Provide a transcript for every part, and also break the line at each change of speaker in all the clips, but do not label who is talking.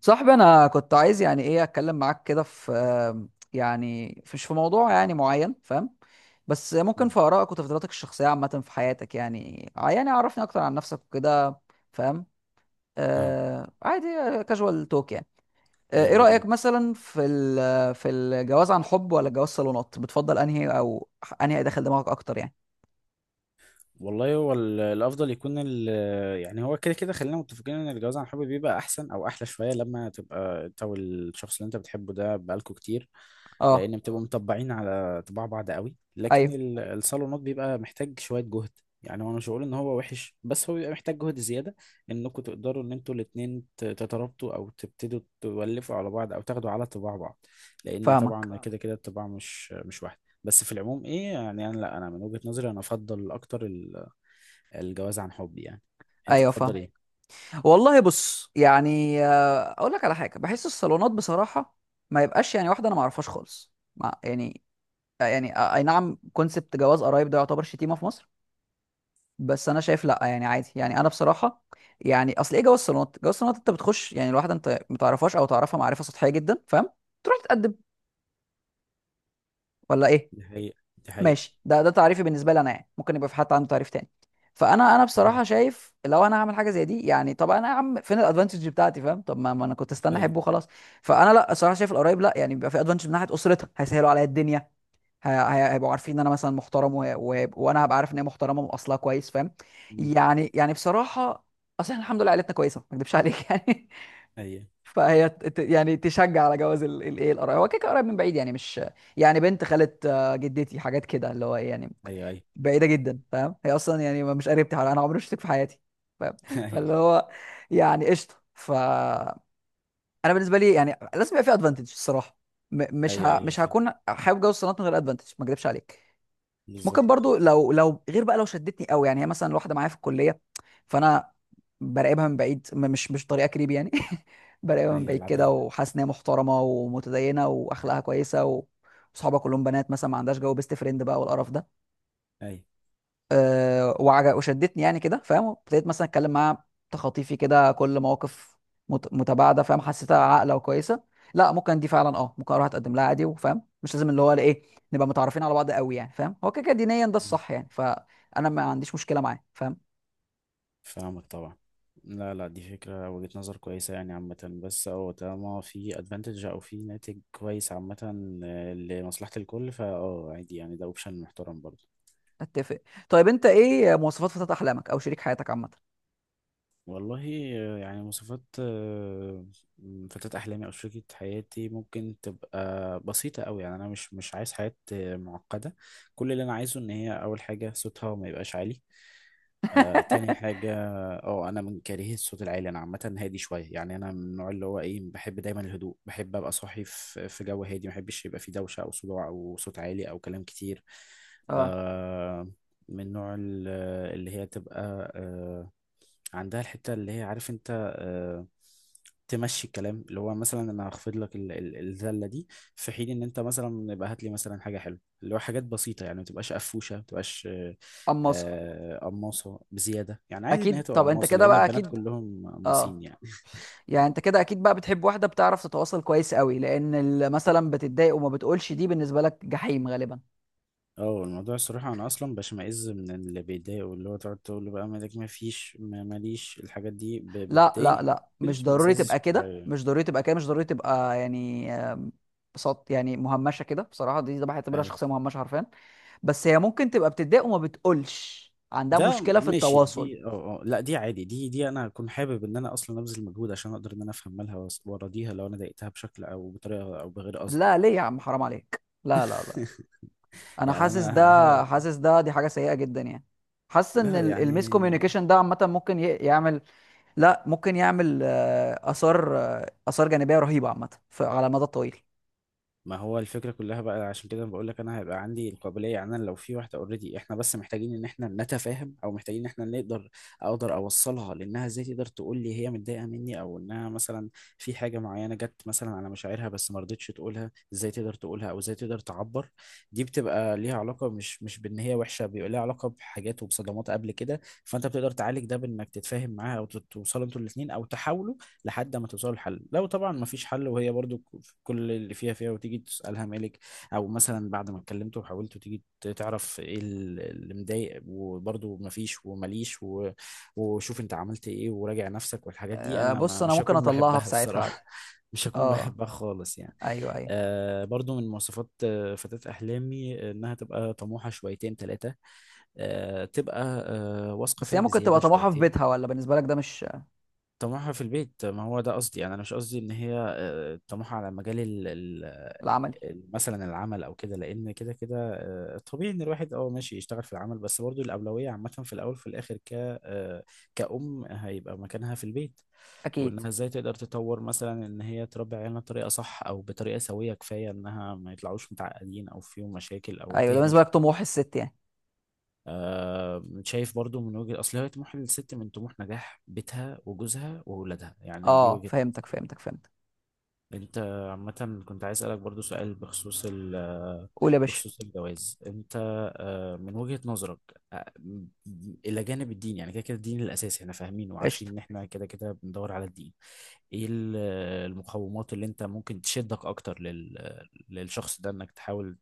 صاحبي انا كنت عايز يعني ايه اتكلم معاك كده في يعني مش في موضوع يعني معين فاهم. بس ممكن
مم.
في ارائك وتفضيلاتك الشخصيه عامه في حياتك يعني يعني عرفني اكتر عن نفسك وكده. فاهم؟
اه.
آه عادي. كاجوال توك يعني. آه، ايه
يلا بينا.
رايك مثلا في الجواز عن حب ولا جواز صالونات؟ بتفضل انهي او انهي داخل دماغك اكتر يعني؟
والله هو الافضل يكون يعني، هو كده كده خلينا متفقين ان الجواز عن حب بيبقى احسن او احلى شويه لما تبقى انت والشخص اللي انت بتحبه ده بقالكوا كتير،
اه،
لان بتبقوا مطبعين على طباع بعض قوي. لكن
ايوه
الصالونات بيبقى محتاج شويه جهد. يعني هو مش هقول ان هو وحش، بس هو بيبقى محتاج جهد زياده، انكم تقدروا ان انتوا الاتنين تترابطوا او تبتدوا تولفوا على بعض او تاخدوا على طباع بعض، لان طبعا
فاهمك.
فاهم كده كده الطباع مش واحده. بس في العموم ايه، يعني انا، لا، انا من وجهة نظري انا افضل اكتر الجواز عن حب يعني. انت
ايوه
تفضل
فاهم.
ايه؟
والله بص يعني اقول لك على حاجه، بحس الصالونات بصراحه ما يبقاش يعني واحده انا ما اعرفهاش خالص ما يعني. اي نعم، كونسبت جواز قرايب ده يعتبر شتيمه في مصر. بس انا شايف لا، يعني عادي، يعني انا بصراحه، يعني اصل ايه؟ جواز الصالونات، جواز الصالونات انت بتخش يعني الواحده انت ما تعرفهاش او تعرفها معرفه سطحيه جدا فاهم؟ تروح تتقدم ولا ايه؟
دي حقيقة دي حقيقة.
ماشي، ده تعريفي بالنسبه لي انا، يعني ممكن يبقى في حد عنده تعريف تاني. فانا بصراحه شايف لو انا هعمل حاجه زي دي، يعني طب انا يا عم فين الادفانتج بتاعتي فاهم؟ طب ما انا كنت استنى
ايوه.
احبه خلاص. فانا لا، الصراحه شايف القرايب، لا يعني بيبقى في ادفانتج من ناحيه اسرتها، هيسهلوا عليا الدنيا. هيبقوا عارفين ان انا مثلا محترم وانا هبقى عارف ان هي محترمه من اصلها كويس فاهم؟
أمم.
يعني يعني بصراحه، اصلا الحمد لله عيلتنا كويسه، ما اكدبش عليك يعني.
ايوه،
فهي يعني تشجع على جواز الايه، القرايب، هو كده كده قرايب من بعيد يعني مش يعني بنت خالة، جدتي، حاجات كده اللي هو إيه يعني،
ايوه، ايوه.
بعيده جدا فاهم؟ هي اصلا يعني مش قريبتي، حوالي انا عمري ما شفتك في حياتي فاهم
ايوه،
فاللي هو يعني قشطه. ف انا بالنسبه لي يعني لازم يبقى في ادفانتج الصراحه.
ايوه، ايوه
مش
فاهم.
هكون حابب جوز الصالونات من غير ادفانتج، ما اكذبش عليك. ممكن
بالظبط.
برضو لو غير بقى، لو شدتني قوي، يعني هي مثلا واحده معايا في الكليه. فانا براقبها من بعيد، مش طريقه كريب يعني. براقبها من
ايوه
بعيد كده،
العادية.
وحاسس ان هي محترمه ومتدينه واخلاقها كويسه وصحابها كلهم بنات مثلا، ما عندهاش جو بيست فريند بقى والقرف ده.
ايوه.
أه، وشدتني يعني كده فاهم، ابتديت مثلا اتكلم معاها تخاطيفي كده، كل مواقف متباعده فاهم، حسيتها عاقله وكويسه. لا، ممكن دي فعلا اه، ممكن اروح اتقدم لها عادي وفاهم مش لازم اللي هو ايه نبقى متعرفين على بعض قوي يعني فاهم؟ هو كده كده دينيا ده
أيوة.
الصح يعني، فانا ما عنديش مشكله معاه فاهم.
فاهمك طبعا. لا، لا، دي فكرة وجهة نظر كويسة يعني عامة. بس هو طالما في ادفانتج او في ناتج كويس عامة، لمصلحة الكل. فا اه عادي يعني، ده اوبشن محترم برضه.
اتفق. طيب انت ايه مواصفات فتاة احلامك او شريك حياتك عامه؟
والله، يعني مواصفات فتاة أحلامي أو شريكة حياتي ممكن تبقى بسيطة أوي. يعني أنا مش عايز حياة معقدة. كل اللي أنا عايزه إن هي أول حاجة صوتها ما يبقاش عالي. تاني حاجة، اه أنا من كارهي الصوت العالي. أنا عامة هادي شوية. يعني أنا من النوع اللي هو إيه، بحب دايما الهدوء، بحب أبقى صاحي في جو هادي، ما بحبش يبقى فيه دوشة أو صداع أو صوت عالي أو كلام كتير.
اه.
آه من نوع اللي هي تبقى عندها الحتة اللي هي عارف انت، تمشي الكلام، اللي هو مثلا انا هخفض لك الذلة دي، في حين ان انت مثلا يبقى هات لي مثلا حاجة حلوة، اللي هو حاجات بسيطة. يعني ما تبقاش قفوشة، ما تبقاش
اما أصل.
قماصة بزيادة. يعني عادي ان هي
اكيد،
تبقى
طب انت
قماصة،
كده
لان
بقى
البنات
اكيد
كلهم قماصين
اه،
يعني.
يعني انت كده اكيد بقى بتحب واحده بتعرف تتواصل كويس قوي، لان مثلا بتتضايق وما بتقولش، دي بالنسبه لك جحيم غالبا.
اه الموضوع الصراحة انا اصلا بشمئز من اللي بيضايقوا، اللي هو تقعد تقول له بقى مالك، ما فيش، ماليش. الحاجات دي
لا لا
بتضايقني
لا، مش ضروري
بتشمئزازي
تبقى كده،
شوية.
مش ضروري تبقى كده، مش ضروري تبقى يعني صوت يعني مهمشه كده بصراحه، دي ده بعتبرها
اي،
شخصيه مهمشه حرفيا. بس هي ممكن تبقى بتتضايق وما بتقولش، عندها
ده لو انت
مشكله في
ماشي
التواصل.
دي، لا، دي عادي. دي انا اكون حابب ان انا اصلا ابذل مجهود عشان اقدر ان انا افهم مالها واراضيها لو انا ضايقتها بشكل او بطريقه او بغير قصد
لا
يعني.
ليه يا عم، حرام عليك، لا لا لا، انا
يعني
حاسس
انا
ده، حاسس ده، دي حاجه سيئه جدا يعني. حاسس
لا
ان
اوكي
الميس
يعني.
كوميونيكيشن ده عامه ممكن يعمل. لا، ممكن يعمل آثار آثار جانبية رهيبة عامة، على المدى الطويل.
ما هو الفكرة كلها بقى، عشان كده بقول لك انا هيبقى عندي القابلية. يعني انا لو في واحدة اوريدي، احنا بس محتاجين ان احنا نتفاهم، او محتاجين ان احنا نقدر اقدر اوصلها لانها ازاي تقدر تقول لي هي متضايقة مني، او انها مثلا في حاجة معينة جت مثلا على مشاعرها بس ما رضتش تقولها، ازاي تقدر تقولها او ازاي تقدر تعبر. دي بتبقى ليها علاقة، مش بان هي وحشة، بيبقى ليها علاقة بحاجات وبصدمات قبل كده. فانت بتقدر تعالج ده بانك تتفاهم معاها، او توصلوا انتوا الاتنين، او تحاولوا لحد ما توصلوا لحل. لو طبعا ما فيش حل وهي برضو كل اللي فيها فيها، وتيجي تسألها مالك، او مثلا بعد ما اتكلمت وحاولت تيجي تعرف ايه اللي مضايق وبرضو ما فيش ومليش وشوف انت عملت ايه وراجع نفسك والحاجات دي، انا
بص،
ما
أنا
مش
ممكن
هكون
أطلعها في
بحبها
ساعتها عادي.
الصراحة، مش هكون
اه.
بحبها خالص يعني.
أيوه أيوه.
برضو من مواصفات فتاة أحلامي إنها تبقى طموحة شويتين تلاتة، تبقى واثقة
بس
فيها
هي ممكن
بزيادة
تبقى طموحها في
شويتين.
بيتها ولا بالنسبة لك ده مش
طموحها في البيت، ما هو ده قصدي يعني. انا مش قصدي ان هي طموحها على مجال
العملي؟
مثلا العمل او كده، لان كده كده طبيعي ان الواحد ماشي يشتغل في العمل، بس برضو الاولويه عامه في الاول وفي الاخر، ك آه، كأم هيبقى مكانها في البيت،
أكيد.
وانها ازاي تقدر تطور مثلا ان هي تربي عيالها بطريقه صح او بطريقه سويه كفايه، انها ما يطلعوش متعقدين او فيهم مشاكل او
أيوه، ده
تهمل.
بالنسبة لك طموح الست يعني؟
شايف برضو من وجهة، اصل هي طموح الست من طموح نجاح بيتها وجوزها وولادها يعني. دي
اه
وجهة.
فهمتك فهمتك فهمتك.
انت عامة كنت عايز اسألك برضو سؤال
قول يا باشا.
بخصوص الجواز. انت من وجهة نظرك، آه، م- الى جانب الدين، يعني كده كده الدين الاساسي احنا فاهمين وعارفين
قشطة.
ان احنا كده كده بندور على الدين، ايه المقومات اللي انت ممكن تشدك اكتر للشخص ده انك تحاول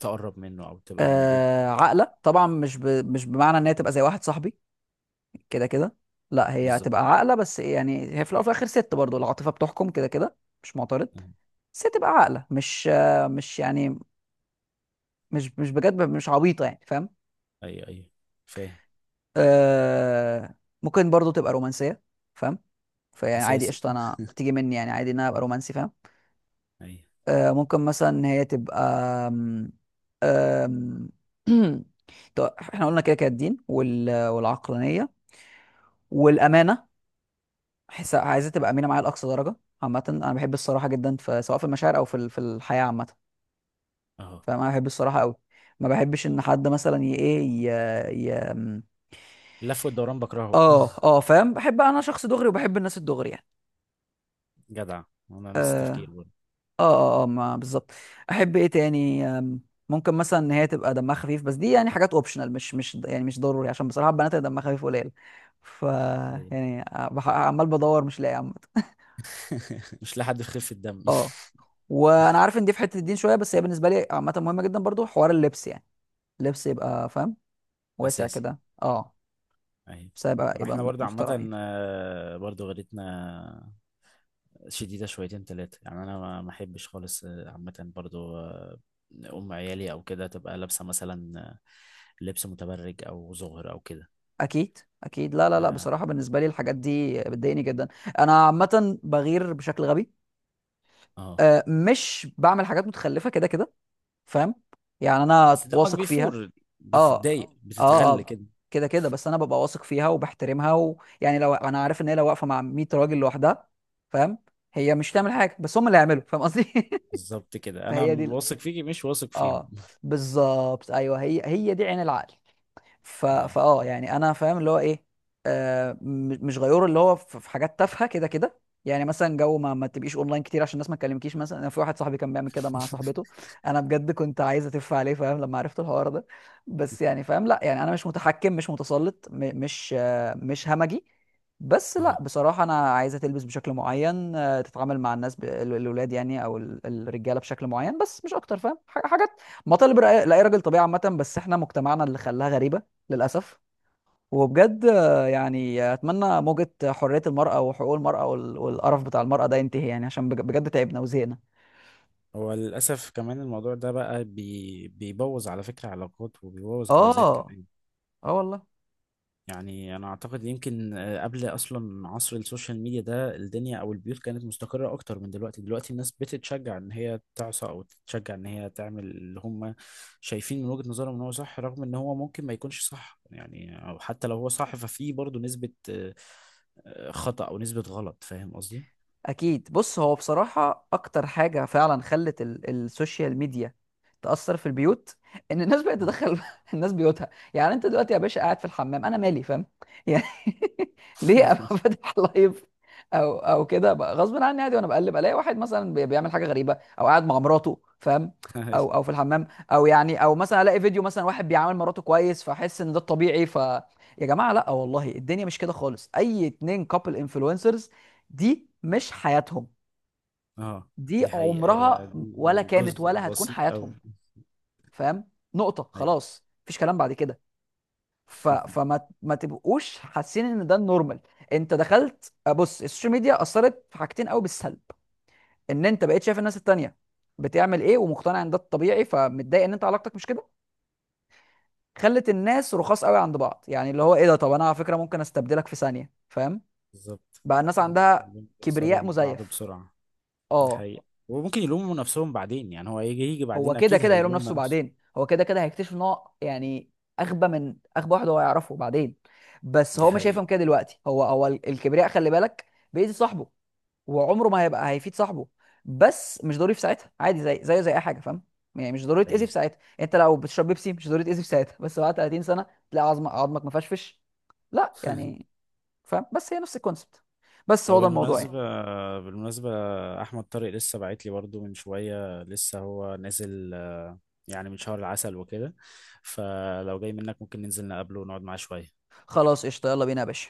تقرب منه او تبقى موجود في حياته؟
عقلة طبعا، مش بمعنى ان هي تبقى زي واحد صاحبي كده كده، لا هي
بالظبط.
هتبقى عاقله، بس إيه يعني، هي في الاول وفي الاخر ست، برضه العاطفه بتحكم كده كده، مش معترض. بس هي تبقى عاقله، مش مش يعني مش بجد مش عبيطه يعني فاهم.
ايوه، ايوه فاهم.
آه ممكن برضه تبقى رومانسيه فاهم، فيعني عادي
اساسي.
قشطه، انا بتيجي مني يعني عادي ان انا ابقى رومانسي فاهم.
ايوه.
آه ممكن مثلا إن هي تبقى آم، آم، طب احنا قلنا كده كده الدين والعقلانيه والامانه. احس عايزة تبقى امينه معايا لاقصى درجه، عامه انا بحب الصراحه جدا في، سواء في المشاعر او في الحياه عامه.
اهو.
فانا بحب الصراحه قوي. ما بحبش ان حد مثلا ي ايه ي... ي... م-
اللف والدوران بكرهه.
اه اه فاهم، بحب انا شخص دغري وبحب الناس الدغري يعني.
جدع. انا نفس التفكير برضه.
اه اه اه، ما بالظبط. احب ايه تاني ممكن مثلا ان هي تبقى دمها خفيف، بس دي يعني حاجات اوبشنال مش يعني مش ضروري، عشان بصراحه البنات اللي دمها خفيف قليل. ف
ايوه.
يعني عمال بدور مش لاقي.
مش لحد يخف الدم.
اه، وانا عارف ان دي في حته الدين شويه، بس هي بالنسبه لي عامه مهمه جدا برضو، حوار اللبس يعني، اللبس يبقى فاهم، واسع
اساسي.
كده اه،
ايوه.
بس يبقى
احنا
يبقى
برضه
محترمين.
عامة برضه غيرتنا شديدة شويتين تلاتة. يعني انا ما احبش خالص، عامة برضه، ام عيالي او كده تبقى لابسة مثلا لبس متبرج او زهر او كده.
اكيد اكيد، لا لا لا،
آم،
بصراحه بالنسبه لي الحاجات دي بتضايقني جدا. انا عامه بغير بشكل غبي،
اه
آه مش بعمل حاجات متخلفه كده كده فاهم، يعني انا
بس دمك
واثق فيها.
بيفور،
اه
بتتضايق
اه
بتتغل
اه،
كده.
كده كده، بس انا ببقى واثق فيها وبحترمها، ويعني لو انا عارف ان هي لو واقفه مع 100 راجل لوحدها فاهم، هي مش تعمل حاجه، بس هم اللي هيعملوا فاهم قصدي
بالظبط كده، انا
فهي دي
واثق فيكي مش واثق فيهم.
اه بالظبط ايوه، هي هي دي عين العقل. ف...
أيوة.
فاه يعني انا فاهم اللي هو ايه، مش غيور، اللي هو في في حاجات تافهه كده كده، يعني مثلا جو ما تبقيش اونلاين كتير عشان الناس ما تكلمكيش مثلا، انا في واحد صاحبي كان بيعمل كده مع صاحبته. انا بجد كنت عايز اتف عليه فاهم لما عرفت الحوار ده. بس يعني فاهم، لا يعني انا مش متحكم مش متسلط مش مش همجي. بس لا
اه
بصراحه انا عايزه تلبس بشكل معين، آه تتعامل مع الناس الولاد يعني او الرجاله بشكل معين، بس مش اكتر فاهم، حاجات مطالب لأي راجل طبيعي عامه، بس احنا مجتمعنا اللي خلاها غريبه للأسف. وبجد يعني أتمنى موجة حرية المرأة وحقوق المرأة والقرف بتاع المرأة ده ينتهي يعني، عشان بجد تعبنا وزهقنا.
هو للاسف كمان الموضوع ده بقى بيبوظ على فكره علاقات وبيبوظ جوازات
اه
كمان.
اه والله.
يعني انا اعتقد يمكن قبل اصلا عصر السوشيال ميديا ده، الدنيا او البيوت كانت مستقره اكتر من دلوقتي. دلوقتي الناس بتتشجع ان هي تعصى او تتشجع ان هي تعمل اللي هم شايفين من وجهه نظرهم ان هو صح، رغم ان هو ممكن ما يكونش صح يعني. او حتى لو هو صح ففي برضه نسبه خطأ او نسبه غلط، فاهم قصدي.
اكيد، بص، هو بصراحه اكتر حاجه فعلا خلت السوشيال ميديا تاثر في البيوت، ان الناس بقت تدخل الناس بيوتها، يعني انت دلوقتي يا باشا قاعد في الحمام انا مالي فاهم، يعني ليه ابقى فاتح لايف؟ او كده بقى غصب عني عادي، وانا بقلب الاقي واحد مثلا بيعمل حاجه غريبه او قاعد مع مراته فاهم،
أيوة.
او في الحمام او يعني، او مثلا الاقي فيديو مثلا واحد بيعامل مراته كويس، فاحس ان ده الطبيعي. ف يا جماعه، لا والله الدنيا مش كده خالص، اي اتنين كابل انفلونسرز دي مش حياتهم،
اه
دي
دي حقيقة هي
عمرها
دي،
ولا كانت
جزء
ولا هتكون
بسيط أوي.
حياتهم فاهم، نقطة
أيوة،
خلاص مفيش كلام بعد كده. فما ما تبقوش حاسين ان ده النورمال. انت دخلت، بص السوشيال ميديا اثرت في حاجتين قوي بالسلب، ان انت بقيت شايف الناس التانية بتعمل ايه، ومقتنع ان ده الطبيعي، فمتضايق ان انت علاقتك مش كده. خلت الناس رخاص قوي عند بعض، يعني اللي هو ايه ده، طب انا على فكرة ممكن استبدلك في ثانية فاهم،
بالظبط.
بقى الناس عندها
خليهم يخسروا
كبرياء
من بعض
مزيف.
بسرعة. دي
اه،
حقيقة، وممكن يلوموا نفسهم بعدين يعني. هو يجي يجي
هو
بعدين
كده
أكيد
كده هيلوم
هيلوم
نفسه
نفسه.
بعدين، هو كده كده هيكتشف ان هو يعني اغبى من اغبى واحد هو يعرفه بعدين. بس
دي
هو مش هيفهم
حقيقة.
كده دلوقتي، هو هو الكبرياء خلي بالك بيأذي صاحبه، وعمره ما هيبقى هيفيد صاحبه، بس مش ضروري في ساعتها، عادي زي زيه زي اي حاجه فاهم. يعني مش ضروري تأذي
أيوة.
في ساعتها، انت لو بتشرب بيبسي مش ضروري تأذي في ساعتها، بس بعد 30 سنه تلاقي عظمك مفشفش، لا يعني فاهم، بس هي نفس الكونسبت، بس
هو
هو ده الموضوع يعني.
بالمناسبة أحمد طارق لسه باعت لي برضو من شوية، لسه هو نازل يعني من شهر العسل وكده. فلو جاي منك ممكن ننزل نقابله ونقعد معاه شوية.
خلاص قشطه، يلا بينا يا باشا.